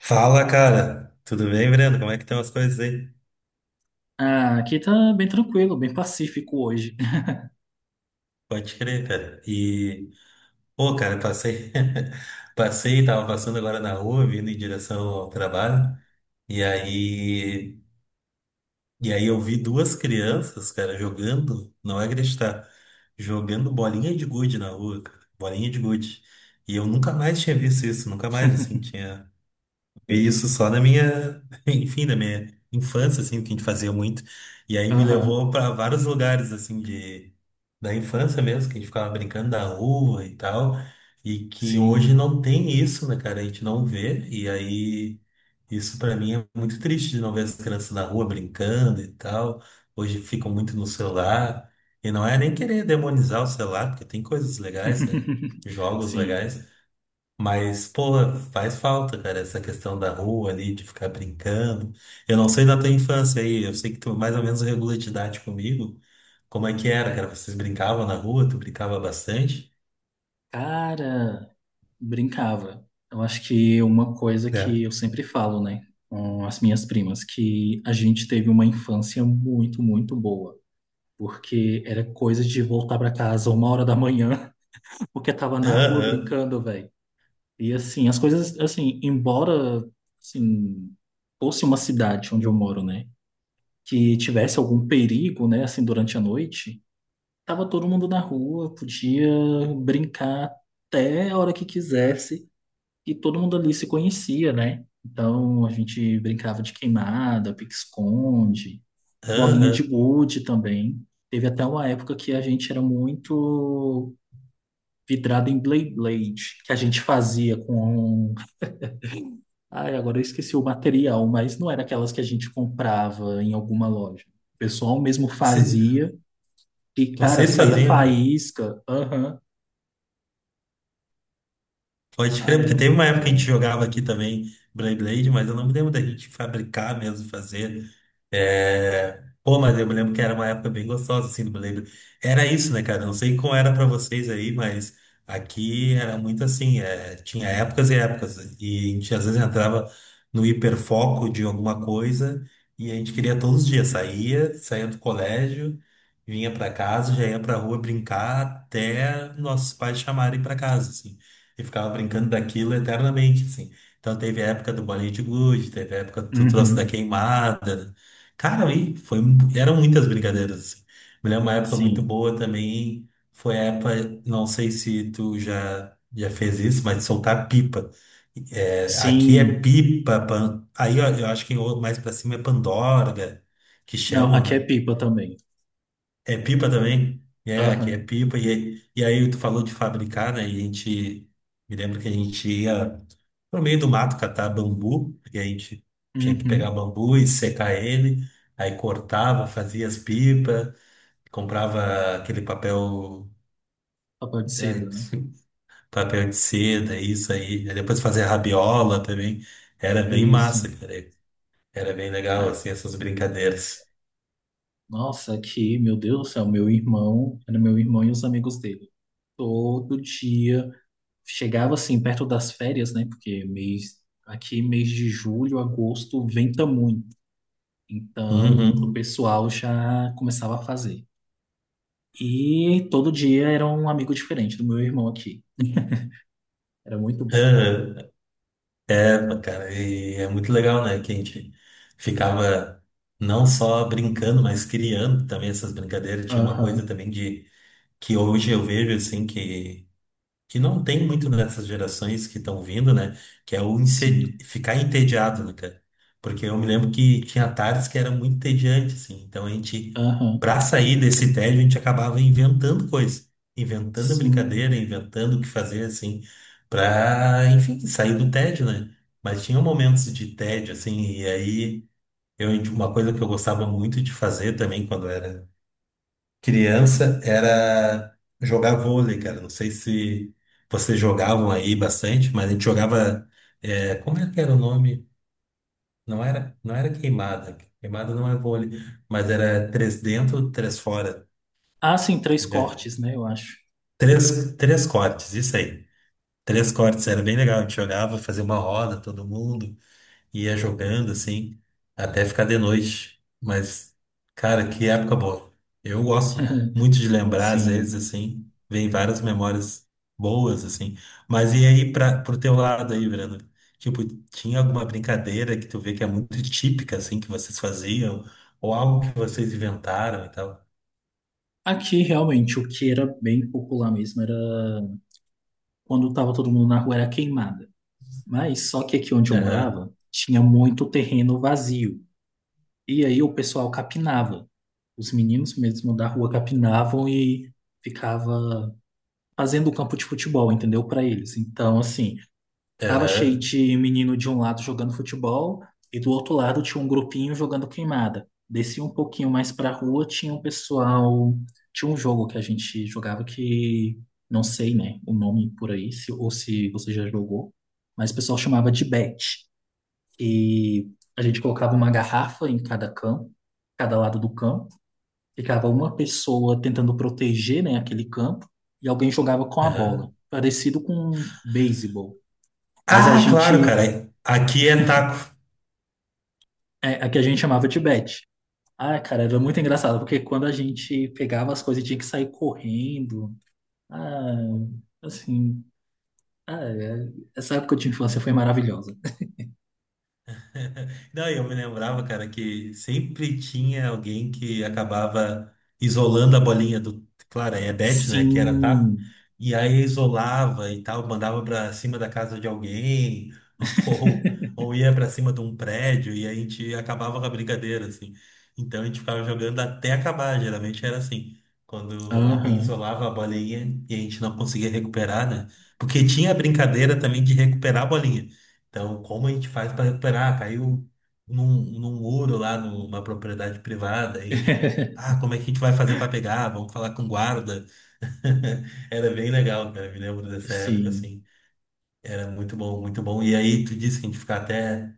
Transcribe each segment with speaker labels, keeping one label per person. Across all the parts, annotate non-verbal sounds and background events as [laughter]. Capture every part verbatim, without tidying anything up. Speaker 1: Fala, cara. Tudo bem, Breno? Como é que estão as coisas aí?
Speaker 2: Ah, aqui tá bem tranquilo, bem pacífico hoje.
Speaker 1: Pode crer, cara. E, pô, cara, passei, [laughs] passei, tava passando agora na rua, vindo em direção ao trabalho. E aí, e aí eu vi duas crianças, cara, jogando, não é acreditar, jogando bolinha de gude na rua, cara, bolinha de gude. E eu nunca mais tinha visto isso, nunca mais, assim,
Speaker 2: [laughs]
Speaker 1: tinha isso só na minha, [laughs] enfim, na minha infância, assim, que a gente fazia muito. E aí me
Speaker 2: Aham,
Speaker 1: levou para vários lugares, assim, de, da infância mesmo, que a gente ficava brincando na rua e tal. E que hoje
Speaker 2: sim.
Speaker 1: não tem isso, né, cara? A gente não vê. E aí, isso para mim é muito triste de não ver as crianças na rua brincando e tal. Hoje ficam muito no celular. E não é nem querer demonizar o celular, porque tem coisas legais, né?
Speaker 2: [laughs]
Speaker 1: Jogos
Speaker 2: Sim.
Speaker 1: legais. Mas, porra, faz falta, cara, essa questão da rua ali, de ficar brincando. Eu não sei da tua infância aí, eu sei que tu mais ou menos regula de idade comigo. Como é que era, cara? Vocês brincavam na rua, tu brincava bastante,
Speaker 2: Cara, brincava. Eu acho que uma coisa que
Speaker 1: né?
Speaker 2: eu sempre falo, né, com as minhas primas, que a gente teve uma infância muito, muito boa. Porque era coisa de voltar pra casa uma hora da manhã, [laughs] porque tava na rua
Speaker 1: Aham,
Speaker 2: brincando, velho. E assim, as coisas, assim, embora, assim, fosse uma cidade onde eu moro, né? Que tivesse algum perigo, né, assim, durante a noite, tava todo mundo na rua, podia brincar até a hora que quisesse e todo mundo ali se conhecia, né? Então a gente brincava de queimada, pique-esconde, bolinha de
Speaker 1: aham.
Speaker 2: gude também. Teve até uma época que a gente era muito vidrado em Blade Blade, que a gente fazia com. Ai, agora eu esqueci o material, mas não era aquelas que a gente comprava em alguma loja. O pessoal mesmo
Speaker 1: Você-
Speaker 2: fazia. E, cara,
Speaker 1: Vocês
Speaker 2: saía
Speaker 1: faziam, cara.
Speaker 2: faísca. Aham.
Speaker 1: Pode crer,
Speaker 2: Ah, era
Speaker 1: porque teve uma
Speaker 2: muito
Speaker 1: época que a gente
Speaker 2: bom.
Speaker 1: jogava aqui também Beyblade, mas eu não me lembro da gente fabricar mesmo, fazer. É... Pô, mas eu me lembro que era uma época bem gostosa, assim, do Beyblade. Era isso, né, cara? Não sei como era pra vocês aí, mas aqui era muito assim, é... tinha épocas e épocas, e a gente às vezes entrava no hiperfoco de alguma coisa e a gente queria todos os dias, saía, saía do colégio, vinha pra casa, já ia pra rua brincar até nossos pais chamarem pra casa, assim. E ficava brincando daquilo eternamente, assim. Então teve a época do bolinho de gude, teve a época que tu trouxe da
Speaker 2: Uhum.
Speaker 1: queimada. Cara, aí foi, eram muitas brincadeiras, assim. Me lembro uma época muito
Speaker 2: Sim.
Speaker 1: boa também, foi a época, não sei se tu já, já fez isso, mas de soltar pipa. É, aqui é
Speaker 2: Sim.
Speaker 1: pipa, pan- aí ó, eu acho que em outro- mais pra cima é pandorga, que
Speaker 2: Não,
Speaker 1: chamam,
Speaker 2: aqui é
Speaker 1: né?
Speaker 2: pipa também.
Speaker 1: É pipa também? É, aqui é
Speaker 2: Aham.
Speaker 1: pipa. E, e aí tu falou de fabricar, né? E a gente. Me lembro que a gente ia no meio do mato catar bambu. E a gente tinha que pegar
Speaker 2: Uhum.
Speaker 1: bambu e secar ele. Aí cortava, fazia as pipas. Comprava aquele papel.
Speaker 2: Papel de
Speaker 1: Né,
Speaker 2: seda, né?
Speaker 1: papel de seda, isso aí. Aí depois fazia rabiola também. Era bem
Speaker 2: Isso.
Speaker 1: massa, cara. Era bem legal,
Speaker 2: Ah,
Speaker 1: assim, essas brincadeiras.
Speaker 2: nossa, aqui, meu Deus do céu, meu irmão, era meu irmão e os amigos dele. Todo dia. Chegava assim, perto das férias, né? Porque mês, aqui, mês de julho, agosto, venta muito. Então, o
Speaker 1: Uhum.
Speaker 2: pessoal já começava a fazer. E todo dia era um amigo diferente do meu irmão aqui. Era muito bom.
Speaker 1: Aham. É, pô, cara, e é muito legal, né? Que a gente ficava não só brincando, mas criando também essas brincadeiras. Tinha uma
Speaker 2: Aham,
Speaker 1: coisa também de que hoje eu vejo assim que que não tem muito nessas gerações que estão vindo, né? Que é o ense-
Speaker 2: sim.
Speaker 1: ficar entediado, né, cara? Porque eu me lembro que tinha tardes que era muito entediante, assim. Então a gente,
Speaker 2: Aham,
Speaker 1: pra sair desse tédio, a gente acabava inventando coisa, inventando
Speaker 2: sim.
Speaker 1: brincadeira, inventando o que fazer, assim, pra, enfim, sair do tédio, né? Mas tinha momentos de tédio, assim, e aí eu, uma coisa que eu gostava muito de fazer também quando era criança era jogar vôlei, cara. Não sei se vocês jogavam aí bastante, mas a gente jogava. É, como é que era o nome? Não era, não era, queimada. Queimada não é vôlei, mas era três dentro, três fora.
Speaker 2: Ah, sim, três
Speaker 1: É,
Speaker 2: cortes, né? Eu acho.
Speaker 1: Três, três cortes, isso aí. Três cortes, era bem legal. A gente jogava, fazia uma roda, todo mundo. Ia jogando assim, até ficar de noite. Mas, cara, que época boa. Eu gosto
Speaker 2: [laughs]
Speaker 1: muito de lembrar, às
Speaker 2: Sim.
Speaker 1: vezes, assim, vem várias memórias boas, assim. Mas e aí, pra, pro teu lado aí, Breno? Tipo, tinha alguma brincadeira que tu vê que é muito típica, assim, que vocês faziam? Ou algo que vocês inventaram e tal?
Speaker 2: Aqui, realmente, o que era bem popular mesmo era quando tava todo mundo na rua era queimada. Mas só que aqui onde eu
Speaker 1: Aham,
Speaker 2: morava tinha muito terreno vazio. E aí o pessoal capinava. Os meninos mesmo da rua capinavam e ficava fazendo o campo de futebol, entendeu? Para eles. Então, assim. Tava cheio
Speaker 1: aham,
Speaker 2: de menino de um lado jogando futebol e do outro lado tinha um grupinho jogando queimada. Desci um pouquinho mais pra rua, tinha um pessoal, tinha um jogo que a gente jogava que não sei, né, o nome por aí, se, ou se você já jogou, mas o pessoal chamava de bet. E a gente colocava uma garrafa em cada campo, cada lado do campo, ficava uma pessoa tentando proteger, né, aquele campo e alguém jogava com a bola,
Speaker 1: aham.
Speaker 2: parecido com beisebol. Mas a
Speaker 1: Ah, claro,
Speaker 2: gente
Speaker 1: cara. Aqui é taco.
Speaker 2: É, a que a gente chamava de Beth. Ah, cara, era muito engraçado, porque quando a gente pegava as coisas e tinha que sair correndo. Ah, assim. Ah, é- essa época de infância foi maravilhosa.
Speaker 1: [laughs] Não, eu me lembrava, cara, que sempre tinha alguém que acabava isolando a bolinha do. Claro, aí é bet, né? Que era tá.
Speaker 2: Sim.
Speaker 1: E aí isolava e tal, mandava pra cima da casa de alguém, [laughs] ou, ou ia pra cima de um prédio, e aí a gente acabava com a brincadeira, assim. Então a gente ficava jogando até acabar, geralmente era assim. Quando alguém
Speaker 2: Aham.
Speaker 1: isolava a bolinha e a gente não conseguia recuperar, né? Porque tinha a brincadeira também de recuperar a bolinha. Então, como a gente faz para recuperar? Caiu num, num muro lá numa propriedade privada, a gente,
Speaker 2: [laughs]
Speaker 1: ah, como é que a gente vai fazer para pegar? Vamos falar com guarda. [laughs] Era bem legal, cara, me lembro dessa época
Speaker 2: Sim.
Speaker 1: assim. Era muito bom, muito bom. E aí tu disse que a gente ficava até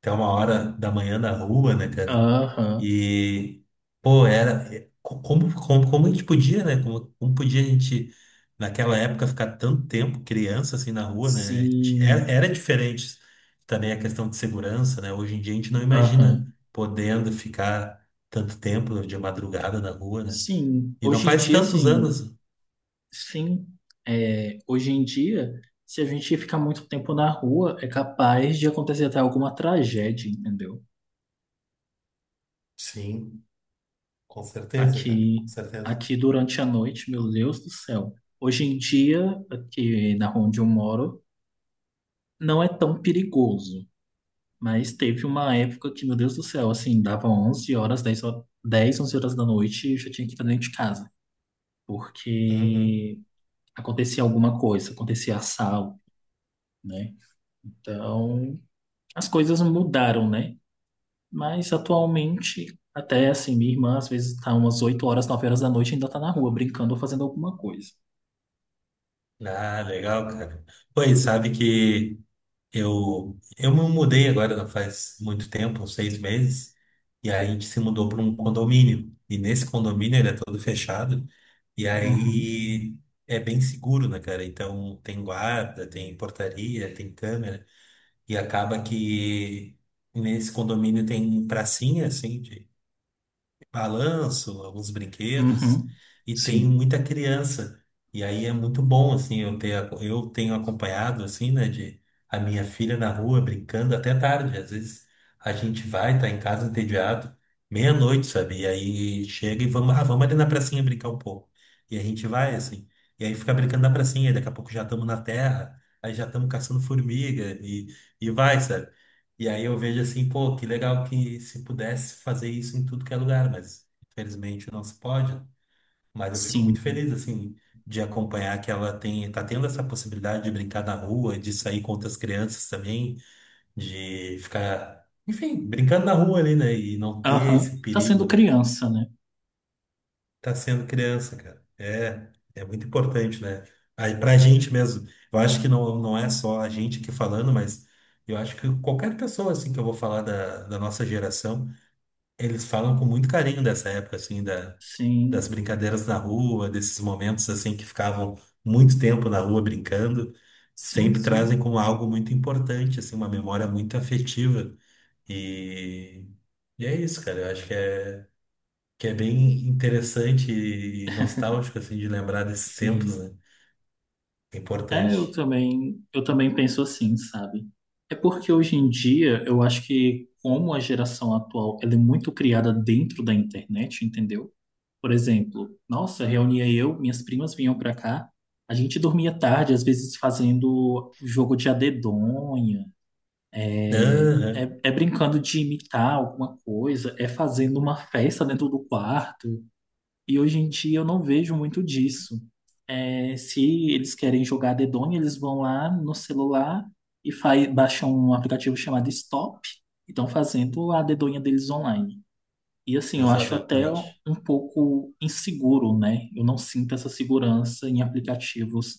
Speaker 1: até uma hora da manhã na rua, né, cara?
Speaker 2: Aham.
Speaker 1: E, pô, era. é, co- Como, como, como a gente podia, né? Como, como podia a gente, naquela época, ficar tanto tempo criança assim na rua, né? Era,
Speaker 2: Sim.
Speaker 1: era diferente também a questão de segurança, né? Hoje em dia a gente não
Speaker 2: Aham.
Speaker 1: imagina podendo ficar tanto tempo de madrugada na rua, né?
Speaker 2: Sim.
Speaker 1: E não
Speaker 2: Hoje em
Speaker 1: faz
Speaker 2: dia,
Speaker 1: tantos
Speaker 2: assim,
Speaker 1: anos.
Speaker 2: sim. É, hoje em dia, se a gente ficar muito tempo na rua, é capaz de acontecer até alguma tragédia, entendeu?
Speaker 1: Sim, com certeza, cara, com
Speaker 2: Aqui,
Speaker 1: certeza.
Speaker 2: aqui durante a noite, meu Deus do céu. Hoje em dia, aqui na rua onde eu moro, não é tão perigoso. Mas teve uma época que, meu Deus do céu, assim, dava onze horas, dez ho- dez, onze horas da noite e eu já tinha que estar dentro de casa.
Speaker 1: Uhum.
Speaker 2: Porque acontecia alguma coisa, acontecia assalto, né? Então, as coisas mudaram, né? Mas atualmente, até assim, minha irmã às vezes tá umas oito horas, nove horas da noite e ainda tá na rua brincando ou fazendo alguma coisa.
Speaker 1: Ah, legal, cara. Pois sabe que. Eu, eu me mudei agora, não faz muito tempo, uns seis meses, e aí a gente se mudou para um condomínio. E nesse condomínio ele é todo fechado, e
Speaker 2: Uhum.
Speaker 1: aí é bem seguro, né, cara? Então tem guarda, tem portaria, tem câmera, e acaba que nesse condomínio tem pracinha, assim, de balanço, alguns brinquedos,
Speaker 2: Uhum.
Speaker 1: e tem
Speaker 2: Sim,
Speaker 1: muita criança. E aí é muito bom, assim, eu ter, ac- eu tenho acompanhado, assim, né, de a minha filha na rua brincando até tarde. Às vezes a gente vai, tá em casa entediado, meia-noite, sabe? E aí chega e vamos, ah, vamos ali na pracinha brincar um pouco. E a gente vai, assim, e aí fica brincando na pracinha, daqui a pouco já estamos na terra, aí já estamos caçando formiga, e, e, vai, sabe? E aí eu vejo assim, pô, que legal que se pudesse fazer isso em tudo que é lugar, mas infelizmente não se pode. Mas eu fico muito
Speaker 2: sim.
Speaker 1: feliz, assim, de acompanhar que ela tem, tá tendo essa possibilidade de brincar na rua, de sair com outras crianças também, de ficar, enfim, brincando na rua ali, né? E não ter
Speaker 2: Aham.
Speaker 1: esse
Speaker 2: Tá
Speaker 1: perigo,
Speaker 2: sendo
Speaker 1: né?
Speaker 2: criança, né?
Speaker 1: Tá sendo criança, cara. É, é muito importante, né? Aí pra gente mesmo. Eu acho que não, não é só a gente aqui falando, mas eu acho que qualquer pessoa, assim, que eu vou falar da, da nossa geração, eles falam com muito carinho dessa época, assim, da, das
Speaker 2: Sim,
Speaker 1: brincadeiras na rua, desses momentos, assim, que ficavam muito tempo na rua brincando.
Speaker 2: sim,
Speaker 1: Sempre
Speaker 2: sim,
Speaker 1: trazem como algo muito importante, assim, uma memória muito afetiva. E, e é isso, cara. Eu acho que é, que é bem interessante e nostálgico, assim, de lembrar desses tempos,
Speaker 2: sim.
Speaker 1: né? É
Speaker 2: É, eu
Speaker 1: importante.
Speaker 2: também, eu também penso assim, sabe? É porque hoje em dia eu acho que como a geração atual, ela é muito criada dentro da internet, entendeu? Por exemplo, nossa, reunia eu, minhas primas vinham pra cá, a gente dormia tarde, às vezes fazendo jogo de adedonha,
Speaker 1: Aham,
Speaker 2: É, é brincando de imitar alguma coisa, é fazendo uma festa dentro do quarto. E hoje em dia eu não vejo muito disso. É, se eles querem jogar dedonha, eles vão lá no celular e faz, baixam um aplicativo chamado Stop e estão fazendo a dedonha deles online. E assim, eu acho até
Speaker 1: exatamente.
Speaker 2: um pouco inseguro, né? Eu não sinto essa segurança em aplicativos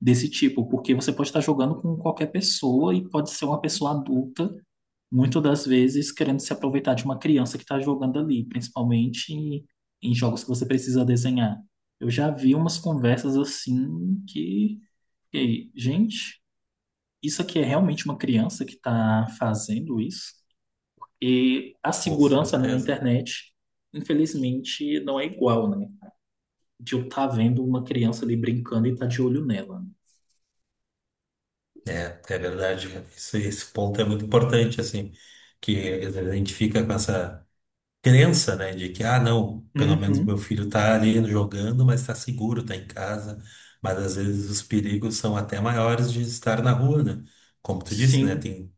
Speaker 2: desse tipo, porque você pode estar jogando com qualquer pessoa e pode ser uma pessoa adulta muitas das vezes querendo se aproveitar de uma criança que está jogando ali, principalmente em em jogos que você precisa desenhar. Eu já vi umas conversas assim que, fiquei, gente, isso aqui é realmente uma criança que está fazendo isso? E a
Speaker 1: Com
Speaker 2: segurança, né, na
Speaker 1: certeza.
Speaker 2: internet, infelizmente, não é igual, né? De eu estar vendo uma criança ali brincando e estar de olho nela.
Speaker 1: É, é verdade. Esse, esse ponto é muito importante, assim, que às vezes a gente fica com essa crença, né, de que, ah, não, pelo menos meu
Speaker 2: Uhum.
Speaker 1: filho tá ali jogando, mas tá seguro, tá em casa. Mas às vezes os perigos são até maiores de estar na rua, né? Como tu disse, né?
Speaker 2: Sim,
Speaker 1: Tem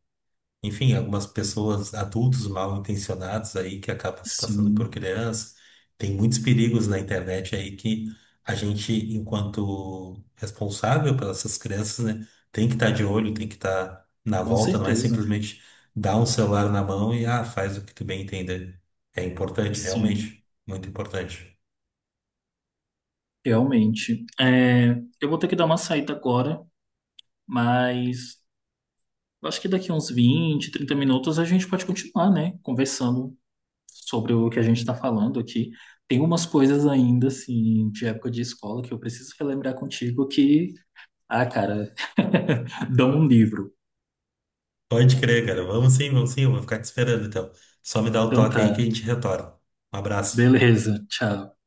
Speaker 1: enfim, algumas pessoas, adultos mal intencionados aí que acabam se passando por
Speaker 2: sim,
Speaker 1: criança. Tem muitos perigos na internet aí que a gente, enquanto responsável pelas essas crianças, né, tem que estar de olho, tem que estar na
Speaker 2: com
Speaker 1: volta, não é
Speaker 2: certeza.
Speaker 1: simplesmente dar um celular na mão e ah, faz o que tu bem entender. É importante,
Speaker 2: Sim.
Speaker 1: realmente, muito importante.
Speaker 2: Realmente. É, eu vou ter que dar uma saída agora, mas eu acho que daqui uns vinte trinta minutos a gente pode continuar, né? Conversando sobre o que a gente está falando aqui. Tem umas coisas ainda, assim, de época de escola que eu preciso relembrar contigo que, ah, cara, [laughs] dá um livro.
Speaker 1: Pode crer, cara. Vamos sim, vamos sim, eu vou ficar te esperando então. Só me dá o
Speaker 2: Então
Speaker 1: toque aí que a
Speaker 2: tá.
Speaker 1: gente retorna. Um abraço.
Speaker 2: Beleza, tchau.